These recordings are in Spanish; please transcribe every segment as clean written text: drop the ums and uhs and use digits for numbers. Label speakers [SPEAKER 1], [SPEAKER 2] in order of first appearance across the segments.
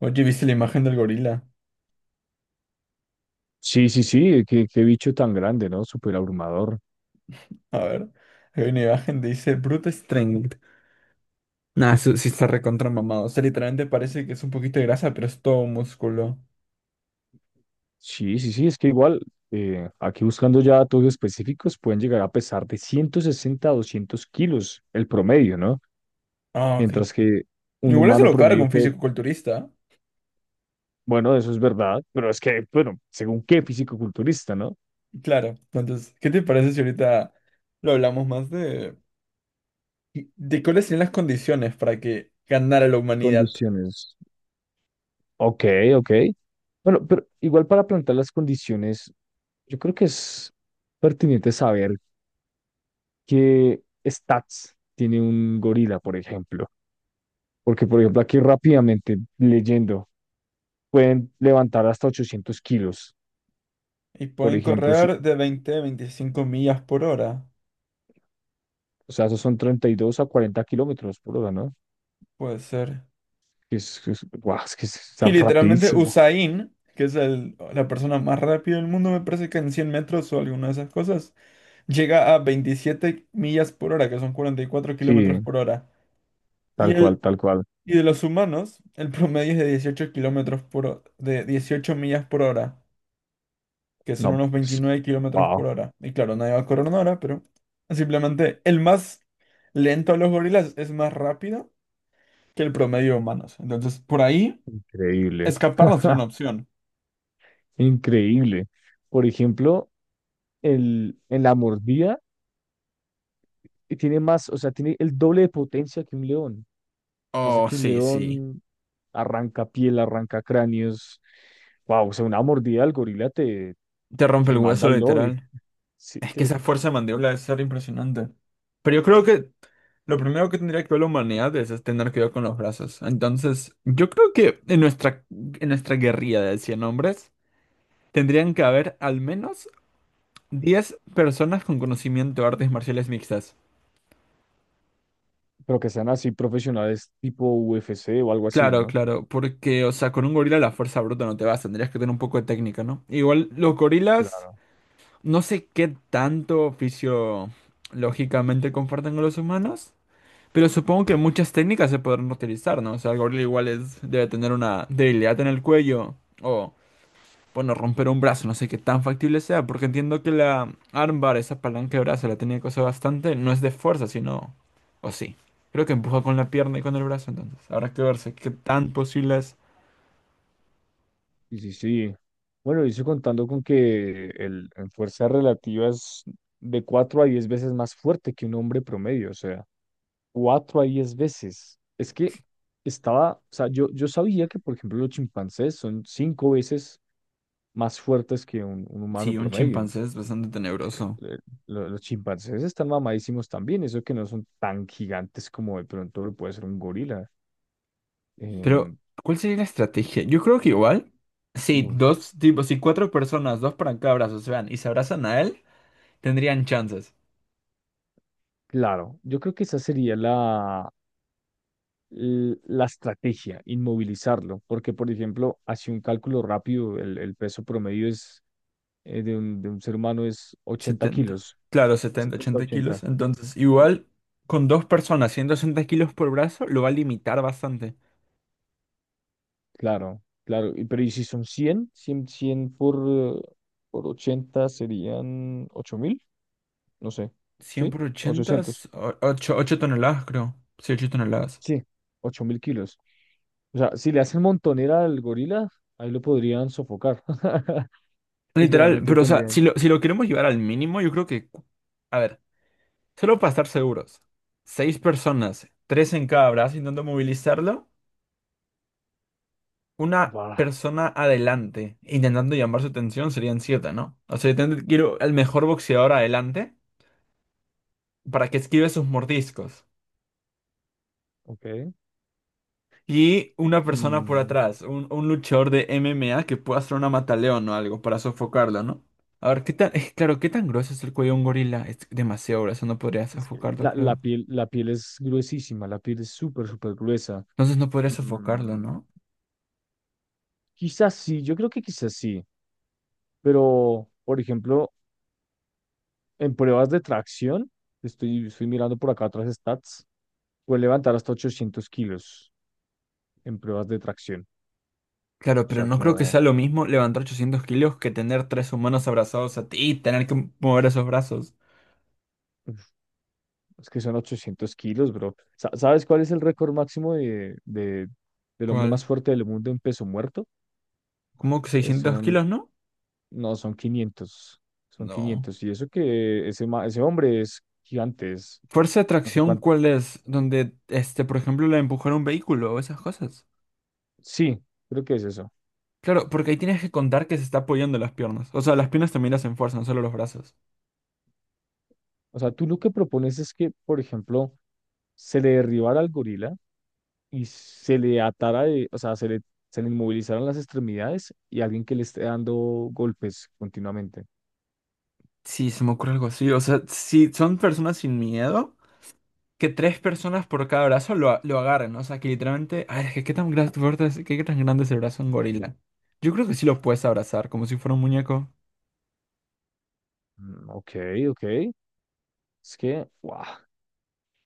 [SPEAKER 1] Oye, ¿viste la imagen del gorila?
[SPEAKER 2] Sí, sí, sí, qué bicho tan grande, ¿no? Súper abrumador.
[SPEAKER 1] A ver, hay una imagen que dice Brute Strength. Nah, eso sí está recontra mamado. O sea, literalmente parece que es un poquito de grasa, pero es todo músculo.
[SPEAKER 2] Sí, sí, sí, es que igual, aquí buscando ya datos específicos, pueden llegar a pesar de 160 a 200 kilos el promedio, ¿no?
[SPEAKER 1] Ah, ok.
[SPEAKER 2] Mientras que un
[SPEAKER 1] Igual se
[SPEAKER 2] humano
[SPEAKER 1] lo carga
[SPEAKER 2] promedio
[SPEAKER 1] un
[SPEAKER 2] puede,
[SPEAKER 1] fisicoculturista.
[SPEAKER 2] bueno, eso es verdad, pero es que, bueno, según qué fisicoculturista, ¿no?
[SPEAKER 1] Claro. Entonces, ¿qué te parece si ahorita lo hablamos más de cuáles serían las condiciones para que ganara la humanidad?
[SPEAKER 2] Condiciones. Ok, ok. Bueno, pero igual para plantear las condiciones, yo creo que es pertinente saber qué stats tiene un gorila, por ejemplo. Porque, por ejemplo, aquí rápidamente leyendo, pueden levantar hasta 800 kilos.
[SPEAKER 1] Y
[SPEAKER 2] Por
[SPEAKER 1] pueden
[SPEAKER 2] ejemplo,
[SPEAKER 1] correr de 20 a 25 millas por hora.
[SPEAKER 2] o sea, esos son 32 a 40 kilómetros por hora, ¿no?
[SPEAKER 1] Puede ser.
[SPEAKER 2] Que es, guau, es que está
[SPEAKER 1] Y literalmente
[SPEAKER 2] rapidísimo.
[SPEAKER 1] Usain, que es la persona más rápida del mundo, me parece que en 100 metros o alguna de esas cosas, llega a 27 millas por hora, que son cuarenta y cuatro
[SPEAKER 2] Sí,
[SPEAKER 1] kilómetros por hora. Y,
[SPEAKER 2] tal
[SPEAKER 1] el,
[SPEAKER 2] cual, tal cual.
[SPEAKER 1] y de los humanos, el promedio es de 18 kilómetros por, de 18 millas por hora, que son
[SPEAKER 2] No,
[SPEAKER 1] unos
[SPEAKER 2] pues,
[SPEAKER 1] veintinueve kilómetros por
[SPEAKER 2] wow,
[SPEAKER 1] hora. Y claro, nadie va a correr una hora, pero simplemente el más lento de los gorilas es más rápido que el promedio de humanos. Entonces, por ahí,
[SPEAKER 2] increíble,
[SPEAKER 1] escapar no sería una opción.
[SPEAKER 2] increíble. Por ejemplo, el, en la mordida y tiene más, o sea, tiene el doble de potencia que un león. Eso
[SPEAKER 1] Oh,
[SPEAKER 2] que un
[SPEAKER 1] sí, sí.
[SPEAKER 2] león arranca piel, arranca cráneos. Wow, o sea, una mordida al gorila te,
[SPEAKER 1] Te rompe el
[SPEAKER 2] te manda
[SPEAKER 1] hueso,
[SPEAKER 2] al lobby.
[SPEAKER 1] literal.
[SPEAKER 2] Sí,
[SPEAKER 1] Es que
[SPEAKER 2] que
[SPEAKER 1] esa fuerza de mandíbula debe ser impresionante. Pero yo creo que lo primero que tendría que ver la humanidad es tener cuidado con los brazos. Entonces, yo creo que en nuestra guerrilla de 100 hombres tendrían que haber al menos 10 personas con conocimiento de artes marciales mixtas.
[SPEAKER 2] pero que sean así profesionales tipo UFC o algo así,
[SPEAKER 1] Claro,
[SPEAKER 2] ¿no?
[SPEAKER 1] claro, porque, o sea, con un gorila la fuerza bruta no te vas, tendrías que tener un poco de técnica, ¿no? Igual los gorilas,
[SPEAKER 2] Claro.
[SPEAKER 1] no sé qué tanto oficio lógicamente comparten con los humanos. Pero supongo que muchas técnicas se podrán utilizar, ¿no? O sea, el gorila igual es, debe tener una debilidad en el cuello o, bueno, romper un brazo, no sé qué tan factible sea, porque entiendo que la armbar, esa palanca de brazo, la tenía que usar bastante, no es de fuerza, sino, o sí. Creo que empuja con la pierna y con el brazo, entonces. Habrá que verse qué tan posible es.
[SPEAKER 2] Sí, sí, sí. Bueno, y eso contando con que el, en fuerza relativa es de 4 a 10 veces más fuerte que un hombre promedio, o sea, 4 a 10 veces. Es que estaba, o sea, yo sabía que, por ejemplo, los chimpancés son 5 veces más fuertes que un humano
[SPEAKER 1] Sí, un
[SPEAKER 2] promedio.
[SPEAKER 1] chimpancé es bastante tenebroso.
[SPEAKER 2] Eh, los chimpancés están mamadísimos también, eso que no son tan gigantes como de pronto lo puede ser un gorila.
[SPEAKER 1] Pero,
[SPEAKER 2] Em,
[SPEAKER 1] ¿cuál sería la estrategia? Yo creo que igual, si
[SPEAKER 2] uf,
[SPEAKER 1] dos tipos, si cuatro personas, dos para cada brazo se van y se abrazan a él, tendrían chances.
[SPEAKER 2] claro, yo creo que esa sería la estrategia, inmovilizarlo, porque por ejemplo, así un cálculo rápido, el peso promedio es, de un ser humano es 80
[SPEAKER 1] 70.
[SPEAKER 2] kilos,
[SPEAKER 1] Claro, setenta
[SPEAKER 2] setenta
[SPEAKER 1] ochenta
[SPEAKER 2] ochenta
[SPEAKER 1] kilos. Entonces, igual con dos personas, 160 kilos por brazo, lo va a limitar bastante.
[SPEAKER 2] Claro, claro. Y- pero ¿y si son cien 100 por 80 serían 8000, no sé,
[SPEAKER 1] 100
[SPEAKER 2] ¿sí?
[SPEAKER 1] por 80,
[SPEAKER 2] Ochocientos.
[SPEAKER 1] 8 8 toneladas, creo. Sí, 8 toneladas.
[SPEAKER 2] Sí, 8000 kilos. O sea, si le hacen montonera al gorila, ahí lo podrían sofocar.
[SPEAKER 1] Literal,
[SPEAKER 2] Literalmente
[SPEAKER 1] pero o sea, si
[SPEAKER 2] tendrían...
[SPEAKER 1] lo, si lo queremos llevar al mínimo, yo creo que... A ver, solo para estar seguros. Seis personas, tres en cada brazo intentando movilizarlo. Una
[SPEAKER 2] Bah,
[SPEAKER 1] persona adelante, intentando llamar su atención, serían siete, ¿no? O sea, quiero el mejor boxeador adelante para que esquive sus mordiscos.
[SPEAKER 2] ok.
[SPEAKER 1] Y una persona por
[SPEAKER 2] Mm,
[SPEAKER 1] atrás, un luchador de MMA que pueda hacer una mataleón o algo para sofocarlo, ¿no? A ver, claro, ¿qué tan grueso es el cuello de un gorila? Es demasiado grueso, no podría
[SPEAKER 2] es que
[SPEAKER 1] sofocarlo, creo.
[SPEAKER 2] la piel es gruesísima, la piel es súper, súper gruesa.
[SPEAKER 1] Entonces no podría sofocarlo,
[SPEAKER 2] Mm,
[SPEAKER 1] ¿no?
[SPEAKER 2] quizás sí, yo creo que quizás sí. Pero, por ejemplo, en pruebas de tracción, estoy mirando por acá otras stats, puede levantar hasta 800 kilos en pruebas de tracción.
[SPEAKER 1] Claro,
[SPEAKER 2] O
[SPEAKER 1] pero
[SPEAKER 2] sea,
[SPEAKER 1] no creo que sea
[SPEAKER 2] como,
[SPEAKER 1] lo mismo levantar 800 kilos que tener tres humanos abrazados a ti y tener que mover esos brazos.
[SPEAKER 2] uf, es que son 800 kilos, bro. ¿Sabes cuál es el récord máximo de, del hombre
[SPEAKER 1] ¿Cuál?
[SPEAKER 2] más fuerte del mundo en peso muerto?
[SPEAKER 1] ¿Cómo que
[SPEAKER 2] Eh,
[SPEAKER 1] 600
[SPEAKER 2] son,
[SPEAKER 1] kilos, no?
[SPEAKER 2] no, son 500. Son
[SPEAKER 1] No.
[SPEAKER 2] 500. Y eso que ese, ese hombre es gigante, es,
[SPEAKER 1] ¿Fuerza de
[SPEAKER 2] no sé
[SPEAKER 1] tracción
[SPEAKER 2] cuánto.
[SPEAKER 1] cuál es? Donde, este, por ejemplo, la de empujar un vehículo o esas cosas.
[SPEAKER 2] Sí, creo que es eso.
[SPEAKER 1] Claro, porque ahí tienes que contar que se está apoyando las piernas. O sea, las piernas también las enfuerzan, no solo los brazos.
[SPEAKER 2] O sea, tú lo que propones es que, por ejemplo, se le derribara al gorila y se le atara de, o sea, se le inmovilizaron las extremidades y alguien que le esté dando golpes continuamente.
[SPEAKER 1] Sí, se me ocurre algo así. O sea, si son personas sin miedo, que tres personas por cada brazo lo agarren. O sea, que literalmente. Ay, es que qué tan grande es el brazo de un gorila. Yo creo que sí lo puedes abrazar, como si fuera un muñeco.
[SPEAKER 2] Mm, ok, ok. Es que, wow,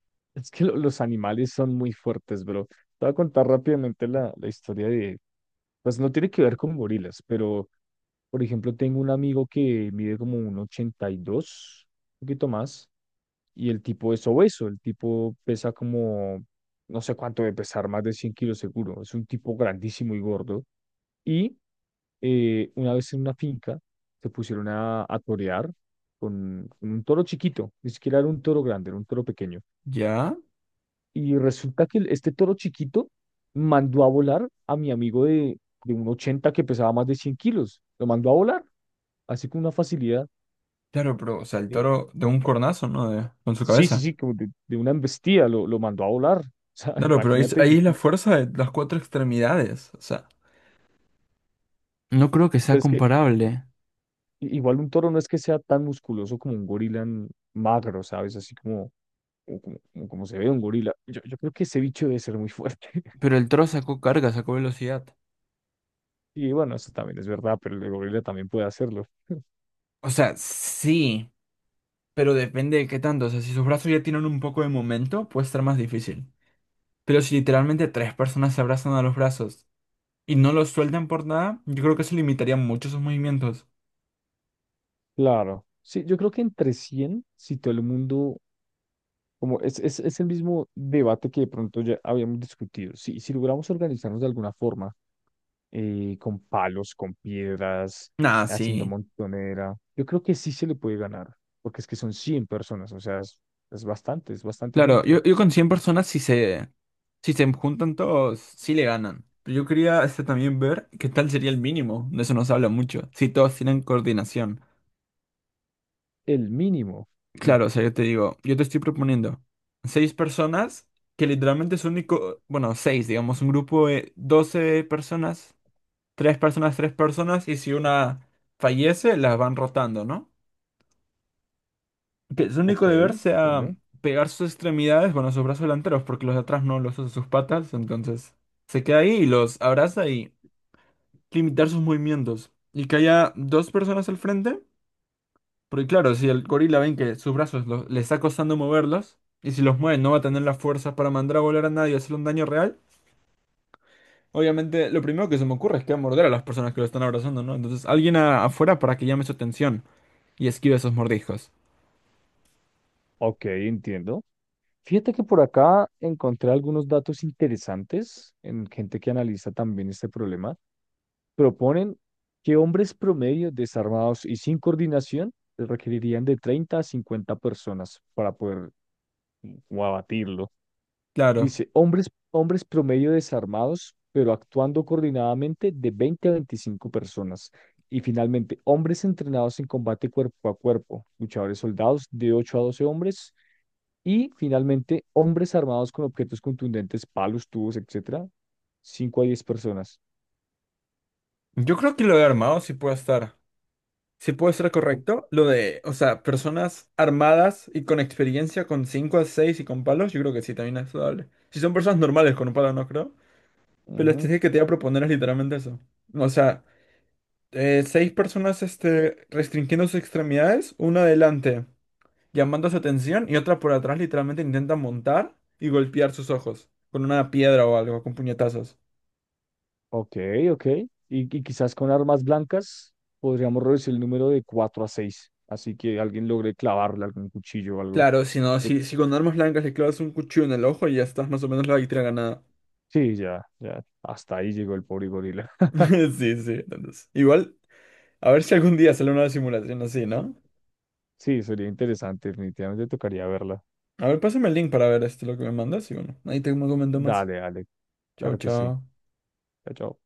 [SPEAKER 2] es que los animales son muy fuertes, bro. Te voy a contar rápidamente la historia de, pues no tiene que ver con gorilas, pero, por ejemplo, tengo un amigo que mide como un ochenta y dos, un poquito más, y el tipo es obeso, el tipo pesa como, no sé cuánto de pesar, más de 100 kilos seguro. Es un tipo grandísimo y gordo. Y una vez en una finca se pusieron a torear con un toro chiquito, ni siquiera era un toro grande, era un toro pequeño.
[SPEAKER 1] ¿Ya?
[SPEAKER 2] Y resulta que este toro chiquito mandó a volar a mi amigo de un 80 que pesaba más de 100 kilos. Lo mandó a volar, así con una facilidad.
[SPEAKER 1] Claro, pero, o sea, el
[SPEAKER 2] eh,
[SPEAKER 1] toro de un cornazo, ¿no? Con su
[SPEAKER 2] sí, sí,
[SPEAKER 1] cabeza.
[SPEAKER 2] sí, como de una embestida, lo mandó a volar. O sea,
[SPEAKER 1] Claro, pero ahí es,
[SPEAKER 2] imagínate,
[SPEAKER 1] ahí
[SPEAKER 2] un.
[SPEAKER 1] es la fuerza de las cuatro extremidades. O sea. No creo que sea
[SPEAKER 2] Pero es que
[SPEAKER 1] comparable.
[SPEAKER 2] igual un toro no es que sea tan musculoso como un gorila magro, ¿sabes? Así como como, como se ve un gorila. Yo creo que ese bicho debe ser muy fuerte.
[SPEAKER 1] Pero el toro sacó carga, sacó velocidad.
[SPEAKER 2] Y bueno, eso también es verdad, pero el gorila también puede hacerlo.
[SPEAKER 1] O sea, sí, pero depende de qué tanto. O sea, si sus brazos ya tienen un poco de momento, puede estar más difícil. Pero si literalmente tres personas se abrazan a los brazos y no los sueltan por nada, yo creo que eso limitaría mucho sus movimientos.
[SPEAKER 2] Claro. Sí, yo creo que entre 100 si todo el mundo, como es, es el mismo debate que de pronto ya habíamos discutido. Si, si logramos organizarnos de alguna forma, con palos, con piedras,
[SPEAKER 1] Nah,
[SPEAKER 2] haciendo
[SPEAKER 1] sí.
[SPEAKER 2] montonera, yo creo que sí se le puede ganar, porque es que son 100 personas, o sea, es bastante
[SPEAKER 1] Claro,
[SPEAKER 2] gente.
[SPEAKER 1] yo con 100 personas, si se juntan todos, sí le ganan. Pero yo quería este, también ver qué tal sería el mínimo. De eso nos habla mucho. Si todos tienen coordinación.
[SPEAKER 2] El mínimo. Mm,
[SPEAKER 1] Claro, o sea, yo te digo, yo te estoy proponiendo seis personas que literalmente es único, bueno, seis, digamos, un grupo de 12 personas, tres personas, tres personas, y si una fallece, las van rotando, ¿no? Que su único
[SPEAKER 2] ok,
[SPEAKER 1] deber sea
[SPEAKER 2] entiendo.
[SPEAKER 1] pegar sus extremidades, bueno, sus brazos delanteros, porque los de atrás no los usa sus patas, entonces se queda ahí y los abraza y limitar sus movimientos. Y que haya dos personas al frente. Porque claro, si el gorila ven que sus brazos le está costando moverlos, y si los mueve no va a tener las fuerzas para mandar a volar a nadie y hacerle un daño real, obviamente lo primero que se me ocurre es que va a morder a las personas que lo están abrazando, ¿no? Entonces alguien afuera para que llame su atención y esquive esos mordiscos.
[SPEAKER 2] Ok, entiendo. Fíjate que por acá encontré algunos datos interesantes en gente que analiza también este problema. Proponen que hombres promedio desarmados y sin coordinación requerirían de 30 a 50 personas para poder como, abatirlo.
[SPEAKER 1] Claro.
[SPEAKER 2] Dice, hombres promedio desarmados, pero actuando coordinadamente de 20 a 25 personas. Y finalmente, hombres entrenados en combate cuerpo a cuerpo, luchadores soldados de 8 a 12 hombres. Y finalmente, hombres armados con objetos contundentes, palos, tubos, etcétera, 5 a 10 personas.
[SPEAKER 1] Yo creo que lo de armado sí puede estar. Sí puede ser
[SPEAKER 2] O-
[SPEAKER 1] correcto. Lo de, o sea, personas armadas y con experiencia, con 5 a 6 y con palos, yo creo que sí, también es saludable. Si son personas normales con un palo, no creo. Pero la
[SPEAKER 2] Ujú.
[SPEAKER 1] estrategia que te voy a proponer es literalmente eso. O sea... seis personas este, restringiendo sus extremidades, una adelante llamando su atención y otra por atrás literalmente intenta montar y golpear sus ojos con una piedra o algo, con puñetazos.
[SPEAKER 2] Ok, ok. Y quizás con armas blancas podríamos reducir el número de 4 a 6. Así que alguien logre clavarle algún cuchillo o algo.
[SPEAKER 1] Claro, si no,
[SPEAKER 2] De-
[SPEAKER 1] si con armas blancas le clavas un cuchillo en el ojo y ya estás más o menos la victoria ganada.
[SPEAKER 2] sí, ya, ya. Hasta ahí llegó el pobre gorila.
[SPEAKER 1] Sí, sí, entonces. Igual, a ver si algún día sale una simulación así, ¿no?
[SPEAKER 2] Sí, sería interesante. Definitivamente tocaría verla.
[SPEAKER 1] A ver, pásame el link para ver esto lo que me mandas y bueno, ahí te comento más.
[SPEAKER 2] Dale, dale.
[SPEAKER 1] Chao,
[SPEAKER 2] Claro que sí.
[SPEAKER 1] chao.
[SPEAKER 2] Chao, chao.